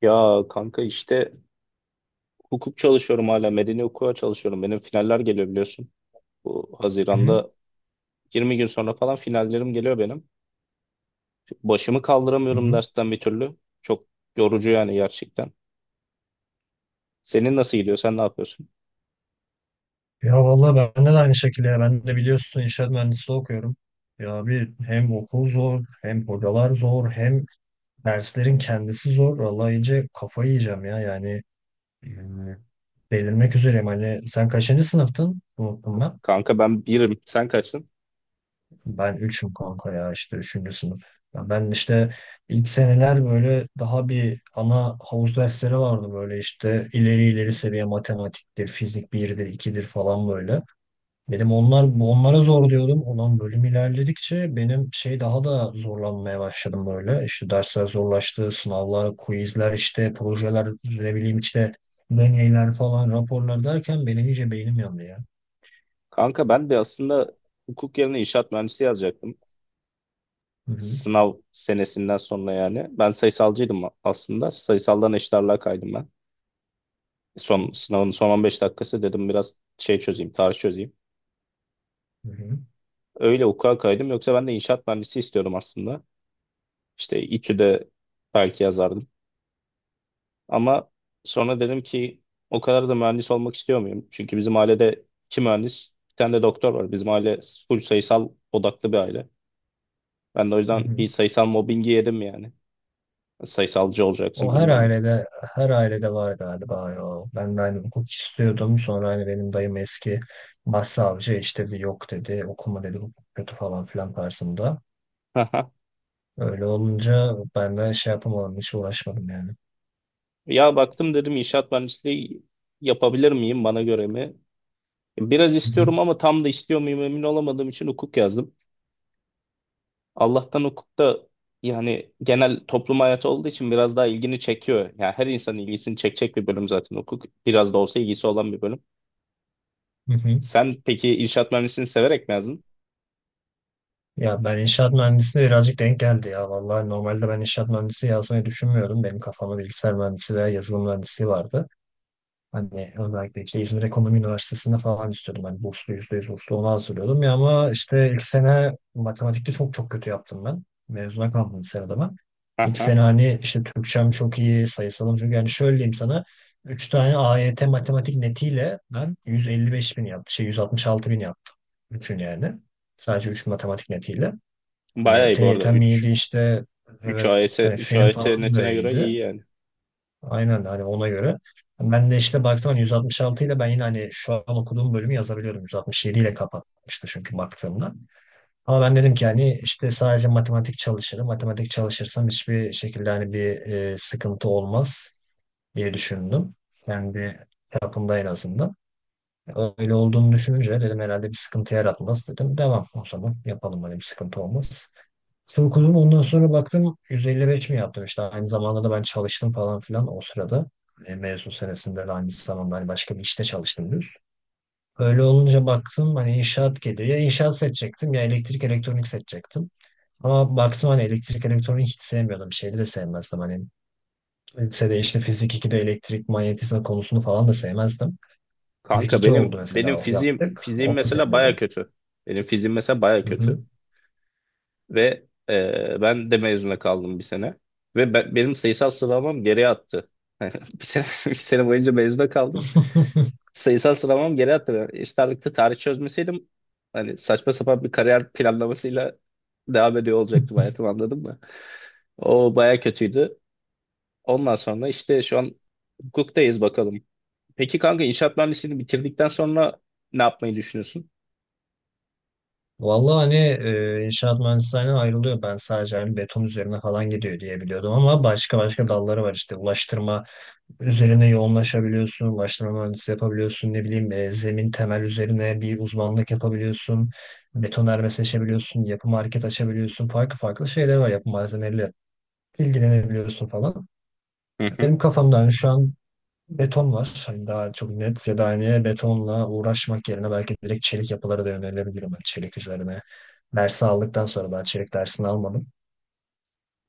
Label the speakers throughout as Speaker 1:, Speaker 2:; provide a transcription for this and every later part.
Speaker 1: Ya kanka işte hukuk çalışıyorum hala. Medeni hukuka çalışıyorum. Benim finaller geliyor biliyorsun. Bu
Speaker 2: Hı hı,
Speaker 1: Haziran'da 20 gün sonra falan finallerim geliyor benim. Başımı
Speaker 2: hı
Speaker 1: kaldıramıyorum
Speaker 2: hı.
Speaker 1: dersten bir türlü. Çok yorucu yani gerçekten. Senin nasıl gidiyor? Sen ne yapıyorsun?
Speaker 2: Ya vallahi bende de aynı şekilde ya. Ben de biliyorsun inşaat mühendisliği okuyorum. Ya bir hem okul zor, hem hocalar zor, hem derslerin kendisi zor. Vallahi iyice kafayı yiyeceğim ya. Yani e, delirmek üzereyim. Hani sen kaçıncı sınıftın? Unuttum ben.
Speaker 1: Kanka ben birim. Sen kaçsın?
Speaker 2: Ben üçüm kanka ya işte üçüncü sınıf. Ya ben işte ilk seneler böyle daha bir ana havuz dersleri vardı böyle işte ileri ileri seviye matematiktir, fizik birdir ikidir falan böyle. Benim onlar bu onlara zor diyordum. Olan bölüm ilerledikçe benim şey daha da zorlanmaya başladım böyle. İşte dersler zorlaştı, sınavlar, quizler işte, projeler, ne bileyim işte deneyler falan, raporlar derken benim iyice beynim yandı ya.
Speaker 1: Kanka ben de aslında hukuk yerine inşaat mühendisi yazacaktım.
Speaker 2: Hı hı.
Speaker 1: Sınav senesinden sonra yani. Ben sayısalcıydım aslında. Sayısaldan eşit ağırlığa kaydım ben. Son sınavın son 15 dakikası dedim biraz şey çözeyim, tarih çözeyim.
Speaker 2: Hı hı.
Speaker 1: Öyle hukuka kaydım. Yoksa ben de inşaat mühendisi istiyordum aslında. İşte İTÜ'de belki yazardım. Ama sonra dedim ki o kadar da mühendis olmak istiyor muyum? Çünkü bizim ailede iki mühendis, bir tane de doktor var. Bizim aile full sayısal odaklı bir aile. Ben de o
Speaker 2: Hı
Speaker 1: yüzden
Speaker 2: hı.
Speaker 1: bir sayısal mobbingi yedim yani. Sayısalcı
Speaker 2: O
Speaker 1: olacaksın
Speaker 2: her
Speaker 1: bilmem ne.
Speaker 2: ailede var galiba ya. Ben de hani hukuk istiyordum. Sonra hani benim dayım eski başsavcı işte bir yok dedi, okuma dedi hukuk kötü falan filan tarzında.
Speaker 1: Aha.
Speaker 2: Öyle olunca ben de şey yapamadım, hiç uğraşmadım yani.
Speaker 1: Ya baktım dedim inşaat mühendisliği yapabilir miyim bana göre mi? Biraz
Speaker 2: Hı hı.
Speaker 1: istiyorum ama tam da istiyor muyum emin olamadığım için hukuk yazdım. Allah'tan hukukta yani genel toplum hayatı olduğu için biraz daha ilgini çekiyor. Yani her insanın ilgisini çekecek bir bölüm zaten hukuk. Biraz da olsa ilgisi olan bir bölüm.
Speaker 2: Hı hı.
Speaker 1: Sen peki inşaat mühendisliğini severek mi yazdın?
Speaker 2: Ya ben inşaat mühendisliğine birazcık denk geldi ya. Vallahi normalde ben inşaat mühendisi yazmayı düşünmüyordum. Benim kafamda bilgisayar mühendisi veya yazılım mühendisliği vardı. Hani özellikle işte İzmir Ekonomi Üniversitesi'nde falan istiyordum. Hani burslu, yüzde yüz burslu ona hazırlıyordum. Ya ama işte ilk sene matematikte çok çok kötü yaptım ben. Mezuna kaldım lisede ben. İlk
Speaker 1: Aha.
Speaker 2: sene hani işte Türkçem çok iyi, sayısalım çünkü yani şöyle diyeyim sana. Üç tane AYT matematik netiyle ben 155 bin yaptım. Şey 166 bin yaptım. Üçün yani. Sadece 3 matematik netiyle.
Speaker 1: Bayağı
Speaker 2: Hani
Speaker 1: iyi bu arada.
Speaker 2: TYT'm iyiydi
Speaker 1: üç
Speaker 2: işte.
Speaker 1: üç
Speaker 2: Evet
Speaker 1: ayete
Speaker 2: hani
Speaker 1: üç
Speaker 2: fenim
Speaker 1: ayete
Speaker 2: falan da
Speaker 1: netine göre
Speaker 2: iyiydi.
Speaker 1: iyi yani.
Speaker 2: Aynen hani ona göre. Ben de işte baktım hani 166 ile ben yine hani şu an okuduğum bölümü yazabiliyorum. 167 ile kapatmıştı çünkü baktığımda. Ama ben dedim ki hani işte sadece matematik çalışırım. Matematik çalışırsam hiçbir şekilde hani bir sıkıntı olmaz diye düşündüm. Kendi çapımda en azından. Öyle olduğunu düşününce dedim herhalde bir sıkıntı yaratmaz dedim. Devam o zaman yapalım hani bir sıkıntı olmaz. İşte okudum ondan sonra baktım 155 mi yaptım işte aynı zamanda da ben çalıştım falan filan o sırada. Mezun senesinde de aynı zamanda hani başka bir işte çalıştım düz. Öyle olunca baktım hani inşaat geliyor. Ya inşaat seçecektim ya elektrik elektronik seçecektim. Ama baktım hani elektrik elektronik hiç sevmiyordum. Şeyi de sevmezdim hani. Lisede işte fizik 2'de elektrik manyetizma konusunu falan da sevmezdim. Fizik
Speaker 1: Kanka
Speaker 2: 2
Speaker 1: benim
Speaker 2: oldu
Speaker 1: benim
Speaker 2: mesela
Speaker 1: fiziğim
Speaker 2: yaptık.
Speaker 1: fiziğim
Speaker 2: Onu da
Speaker 1: mesela baya
Speaker 2: sevmiyordum.
Speaker 1: kötü. Benim fiziğim mesela baya
Speaker 2: Hı hı.
Speaker 1: kötü ve ben de mezuna kaldım bir sene ve benim sayısal sıralamam geriye attı. Bir sene boyunca mezuna kaldım. Sayısal sıralamam geri hatırlıyorum. Eşit ağırlıkta tarih çözmeseydim hani saçma sapan bir kariyer planlamasıyla devam ediyor olacaktım hayatım anladın mı? O baya kötüydü. Ondan sonra işte şu an hukuktayız bakalım. Peki kanka inşaat mühendisliğini bitirdikten sonra ne yapmayı düşünüyorsun?
Speaker 2: Vallahi hani inşaat mühendisliğinden ayrılıyor. Ben sadece hani beton üzerine falan gidiyor diye biliyordum ama başka başka dalları var işte. Ulaştırma üzerine yoğunlaşabiliyorsun, ulaştırma mühendisi yapabiliyorsun, ne bileyim zemin temel üzerine bir uzmanlık yapabiliyorsun, betonarme seçebiliyorsun, yapı market açabiliyorsun, farklı farklı şeyler var yapı malzemeleriyle ilgilenebiliyorsun falan.
Speaker 1: Hı hı.
Speaker 2: Benim kafamda hani şu an beton var. Hani daha çok net ya da hani betonla uğraşmak yerine belki direkt çelik yapılara da yönelebilirim. Hani çelik üzerine. Dersi aldıktan sonra daha çelik dersini almadım.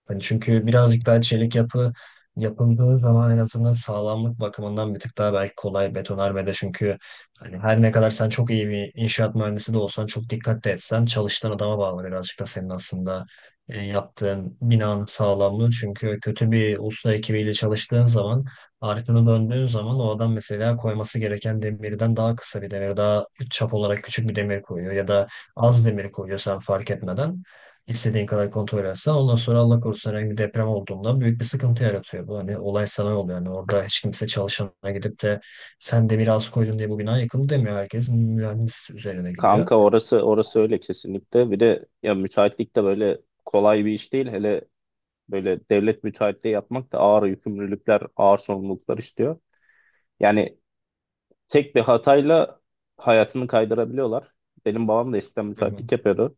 Speaker 2: Hani çünkü birazcık daha çelik yapı yapıldığı zaman en azından sağlamlık bakımından bir tık daha belki kolay, betonarmede çünkü hani her ne kadar sen çok iyi bir inşaat mühendisi de olsan çok dikkatli etsen çalıştığın adama bağlı birazcık da senin aslında yaptığın binanın sağlamlığı. Çünkü kötü bir usta ekibiyle çalıştığın zaman arkanı döndüğün zaman o adam mesela koyması gereken demirden daha kısa bir demir, daha çap olarak küçük bir demir koyuyor ya da az demir koyuyor sen fark etmeden. İstediğin kadar kontrol etsen ondan sonra Allah korusun herhangi bir deprem olduğunda büyük bir sıkıntı yaratıyor. Bu hani olay sana oluyor. Yani orada hiç kimse çalışana gidip de sen de biraz koydun diye bu bina yıkıldı demiyor. Herkes mühendis üzerine gidiyor.
Speaker 1: Kanka orası orası öyle kesinlikle. Bir de ya müteahhitlik de böyle kolay bir iş değil. Hele böyle devlet müteahhitliği yapmak da ağır yükümlülükler, ağır sorumluluklar istiyor. Yani tek bir hatayla hayatını kaydırabiliyorlar. Benim babam da eskiden
Speaker 2: Hı hı.
Speaker 1: müteahhitlik yapıyordu.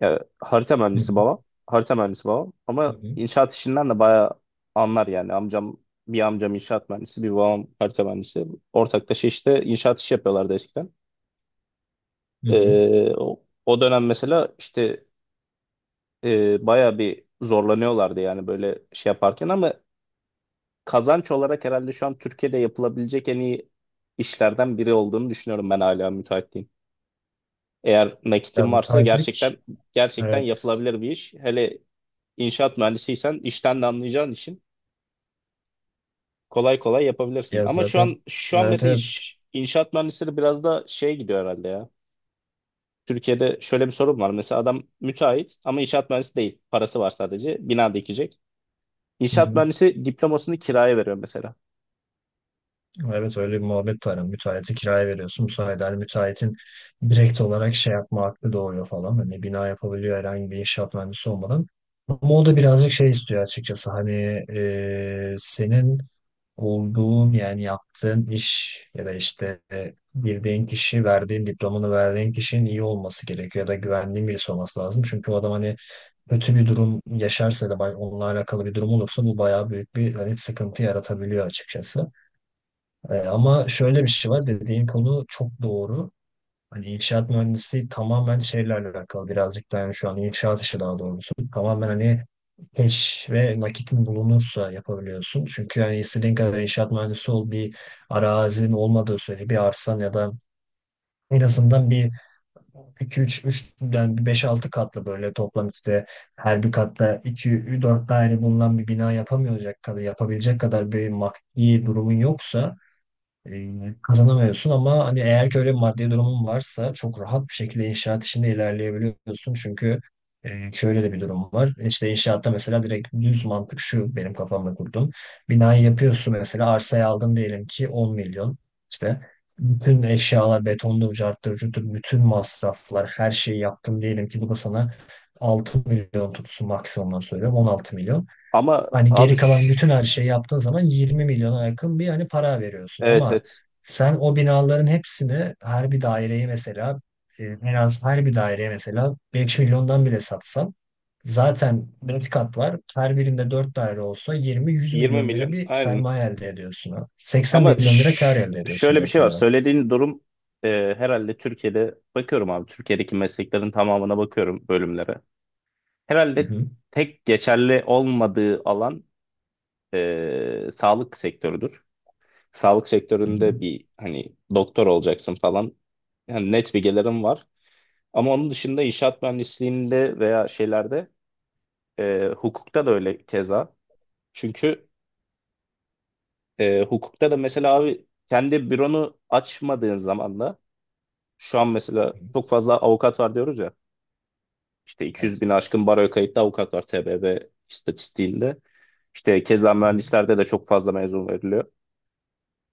Speaker 1: Ya, harita
Speaker 2: Hı
Speaker 1: mühendisi
Speaker 2: hı.
Speaker 1: babam. Harita mühendisi babam.
Speaker 2: Hı
Speaker 1: Ama
Speaker 2: hı.
Speaker 1: inşaat işinden de bayağı anlar yani. Bir amcam inşaat mühendisi, bir babam harita mühendisi. Ortaklaşa işte inşaat işi yapıyorlardı eskiden.
Speaker 2: Hı hı.
Speaker 1: O dönem mesela işte bayağı bir zorlanıyorlardı yani böyle şey yaparken ama kazanç olarak herhalde şu an Türkiye'de yapılabilecek en iyi işlerden biri olduğunu düşünüyorum ben hala müteahhitliğin. Eğer
Speaker 2: Ya
Speaker 1: nakitin varsa gerçekten
Speaker 2: müteahhitlik,
Speaker 1: gerçekten
Speaker 2: evet.
Speaker 1: yapılabilir bir iş. Hele inşaat mühendisiysen işten de anlayacağın için kolay kolay yapabilirsin.
Speaker 2: Ya
Speaker 1: Ama şu
Speaker 2: zaten,
Speaker 1: an şu an
Speaker 2: evet,
Speaker 1: mesela
Speaker 2: evet.
Speaker 1: inşaat mühendisleri biraz da şeye gidiyor herhalde ya. Türkiye'de şöyle bir sorun var. Mesela adam müteahhit ama inşaat mühendisi değil. Parası var sadece. Bina dikecek.
Speaker 2: Hı
Speaker 1: İnşaat
Speaker 2: hı.
Speaker 1: mühendisi diplomasını kiraya veriyor mesela.
Speaker 2: Evet, öyle bir muhabbet var. Yani müteahhiti kiraya veriyorsun. Bu sayede hani müteahhitin direkt olarak şey yapma hakkı doğuyor falan. Hani bina yapabiliyor herhangi bir inşaat mühendisi olmadan. Ama o da birazcık şey istiyor açıkçası. Hani senin olduğun yani yaptığın iş ya da işte girdiğin kişi, verdiğin diplomanı verdiğin kişinin iyi olması gerekiyor ya da güvendiğin birisi olması lazım. Çünkü o adam hani kötü bir durum yaşarsa da onunla alakalı bir durum olursa bu bayağı büyük bir hani sıkıntı yaratabiliyor açıkçası. Ama şöyle bir şey var, dediğin konu çok doğru. Hani inşaat mühendisliği tamamen şeyle alakalı birazcık da, yani şu an inşaat işi daha doğrusu tamamen hani keş ve nakitin bulunursa yapabiliyorsun. Çünkü yani istediğin kadar inşaat mühendisi ol, bir arazinin olmadığı sürece, bir arsan ya da en azından bir 2 3 3 yani 5-6 katlı böyle toplam işte her bir katta 2 4 daire bulunan bir bina yapamayacak kadar yapabilecek kadar bir maddi durumun yoksa e, kazanamıyorsun. Ama hani eğer ki öyle bir maddi durumun varsa çok rahat bir şekilde inşaat işinde ilerleyebiliyorsun. Çünkü şöyle de bir durum var. İşte inşaatta mesela direkt düz mantık şu benim kafamda kurdum. Binayı yapıyorsun, mesela arsayı aldın diyelim ki 10 milyon. İşte bütün eşyalar betondur, carttır, cuttur, bütün masraflar, her şeyi yaptın diyelim ki bu da sana 6 milyon tutsun, maksimumdan söylüyorum 16 milyon.
Speaker 1: Ama
Speaker 2: Hani
Speaker 1: abi,
Speaker 2: geri kalan bütün her şeyi yaptığın zaman 20 milyona yakın bir hani para veriyorsun.
Speaker 1: evet,
Speaker 2: Ama
Speaker 1: evet,
Speaker 2: sen o binaların hepsini her bir daireye mesela en az her bir daireye mesela 5 milyondan bile satsan, zaten 5 kat var. Her birinde 4 daire olsa 20-100
Speaker 1: 20
Speaker 2: milyon lira
Speaker 1: milyon,
Speaker 2: bir
Speaker 1: aynen.
Speaker 2: sermaye elde ediyorsun. Ha. 80
Speaker 1: Ama
Speaker 2: milyon lira kar elde ediyorsun
Speaker 1: şöyle bir şey
Speaker 2: direkt
Speaker 1: var.
Speaker 2: olarak.
Speaker 1: Söylediğin durum herhalde Türkiye'de bakıyorum abi. Türkiye'deki mesleklerin tamamına bakıyorum bölümlere. Herhalde tek geçerli olmadığı alan sağlık sektörüdür. Sağlık
Speaker 2: Hı hı.
Speaker 1: sektöründe bir hani doktor olacaksın falan. Yani net bilgilerim var. Ama onun dışında inşaat mühendisliğinde veya şeylerde hukukta da öyle keza. Çünkü hukukta da mesela abi kendi büronu açmadığın zaman da. Şu an mesela
Speaker 2: Hı hı.
Speaker 1: çok fazla avukat var diyoruz ya. İşte 200
Speaker 2: Evet.
Speaker 1: bin aşkın baroya kayıtlı avukat var TBB istatistiğinde. İşte keza
Speaker 2: Hı hı.
Speaker 1: mühendislerde de çok fazla mezun veriliyor.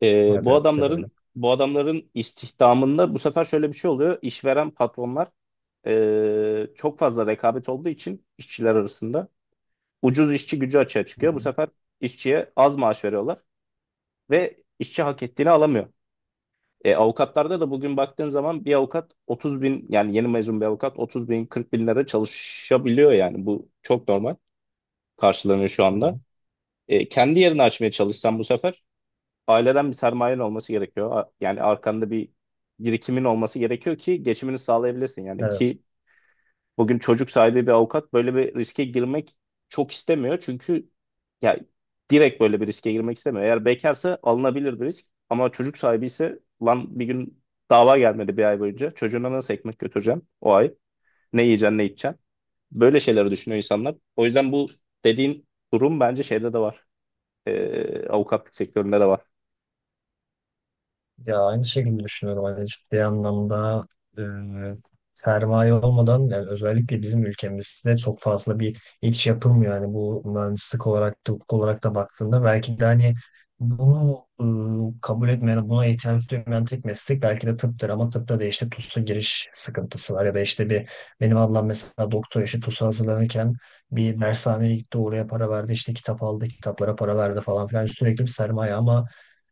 Speaker 1: Ee,
Speaker 2: Evet,
Speaker 1: bu
Speaker 2: evet, bize de öyle.
Speaker 1: adamların bu adamların istihdamında bu sefer şöyle bir şey oluyor. İşveren patronlar çok fazla rekabet olduğu için işçiler arasında ucuz işçi gücü açığa
Speaker 2: Hı
Speaker 1: çıkıyor. Bu
Speaker 2: hı.
Speaker 1: sefer işçiye az maaş veriyorlar ve işçi hak ettiğini alamıyor. Avukatlarda da bugün baktığın zaman bir avukat 30 bin yani yeni mezun bir avukat 30 bin 40 bin lira çalışabiliyor yani bu çok normal karşılanıyor şu
Speaker 2: Hı
Speaker 1: anda.
Speaker 2: hı.
Speaker 1: Kendi yerini açmaya çalışsan bu sefer aileden bir sermayen olması gerekiyor. Yani arkanda bir birikimin olması gerekiyor ki geçimini sağlayabilirsin yani
Speaker 2: Evet.
Speaker 1: ki bugün çocuk sahibi bir avukat böyle bir riske girmek çok istemiyor. Çünkü ya direkt böyle bir riske girmek istemiyor. Eğer bekarsa alınabilir bir risk. Ama çocuk sahibi ise lan bir gün dava gelmedi bir ay boyunca. Çocuğuna nasıl ekmek götüreceğim o ay? Ne yiyeceksin, ne içeceksin? Böyle şeyleri düşünüyor insanlar. O yüzden bu dediğin durum bence şeyde de var. Avukatlık sektöründe de var.
Speaker 2: Ya aynı şekilde düşünüyorum. Hani ciddi anlamda e, sermaye olmadan yani özellikle bizim ülkemizde çok fazla bir iş yapılmıyor. Yani bu mühendislik olarak da hukuk olarak da baktığında belki de hani bunu kabul etmeyen, buna ihtiyaç duymayan tek meslek belki de tıptır. Ama tıpta da işte TUS'a giriş sıkıntısı var. Ya da işte bir benim ablam mesela doktor, işi TUS'a hazırlanırken bir dershaneye gitti, oraya para verdi işte, kitap aldı, kitaplara para verdi falan filan, sürekli bir sermaye. Ama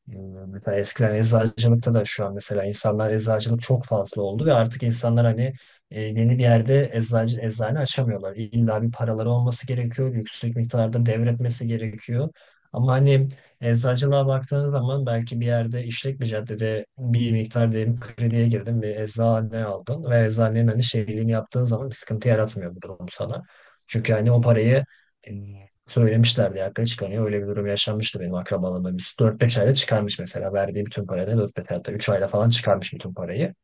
Speaker 2: bilmiyorum. Mesela eskiden eczacılıkta da, şu an mesela insanlar eczacılık çok fazla oldu ve artık insanlar hani yeni bir yerde eczacı, eczane açamıyorlar. İlla bir paraları olması gerekiyor. Yüksek miktarda devretmesi gerekiyor. Ama hani eczacılığa baktığınız zaman belki bir yerde işlek bir caddede bir miktar diyelim krediye girdin ve eczane aldın ve eczanenin hani şeyliğini yaptığın zaman bir sıkıntı yaratmıyor bu durum sana. Çünkü hani o parayı e, söylemişlerdi ya hakikaten çıkamıyor. Öyle bir durum yaşanmıştı benim akrabalarımda. Biz 4-5 ayda çıkarmış mesela. Verdiği bütün parayı 4-5 ayda, 3 ayda falan çıkarmış bütün parayı.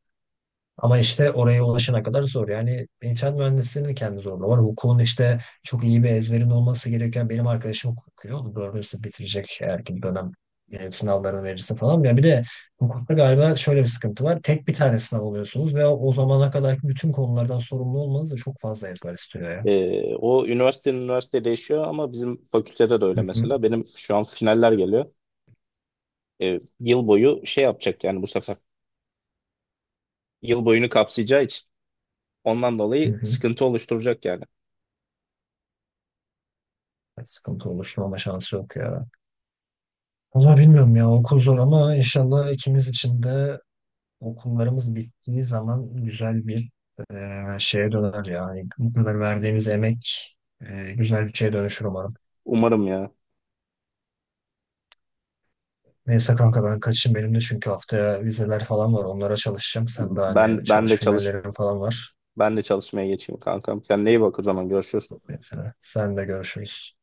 Speaker 2: Ama işte oraya ulaşana kadar zor. Yani inşaat mühendisliğinin kendi zorluğu var. Hukukun işte çok iyi bir ezberin olması gereken, benim arkadaşım hukuk okuyor. Dördüncü sınıf bitirecek eğer ki bir dönem sınavlarını verirse falan. Ya bir de hukukta galiba şöyle bir sıkıntı var. Tek bir tane sınav oluyorsunuz ve o zamana kadarki bütün konulardan sorumlu olmanız da çok fazla ezber istiyor ya.
Speaker 1: O üniversite üniversite değişiyor ama bizim fakültede de
Speaker 2: Hı
Speaker 1: öyle
Speaker 2: hı.
Speaker 1: mesela. Benim şu an finaller geliyor. Yıl boyu şey yapacak yani bu sefer. Yıl boyunu kapsayacağı için. Ondan
Speaker 2: Hı
Speaker 1: dolayı
Speaker 2: hı.
Speaker 1: sıkıntı oluşturacak yani.
Speaker 2: Sıkıntı oluşturmama şansı yok ya. Valla bilmiyorum ya, okul zor ama inşallah ikimiz için de okullarımız bittiği zaman güzel bir şeye döner ya. Yani. Bu kadar verdiğimiz emek güzel bir şeye dönüşür umarım.
Speaker 1: Umarım ya.
Speaker 2: Neyse kanka ben kaçayım, benim de çünkü haftaya vizeler falan var, onlara çalışacağım. Sen de hani
Speaker 1: Ben ben
Speaker 2: çalış,
Speaker 1: de çalış
Speaker 2: finallerin falan var.
Speaker 1: ben de çalışmaya geçeyim kankam. Kendine iyi bak o zaman görüşürüz.
Speaker 2: Sen de görüşürüz.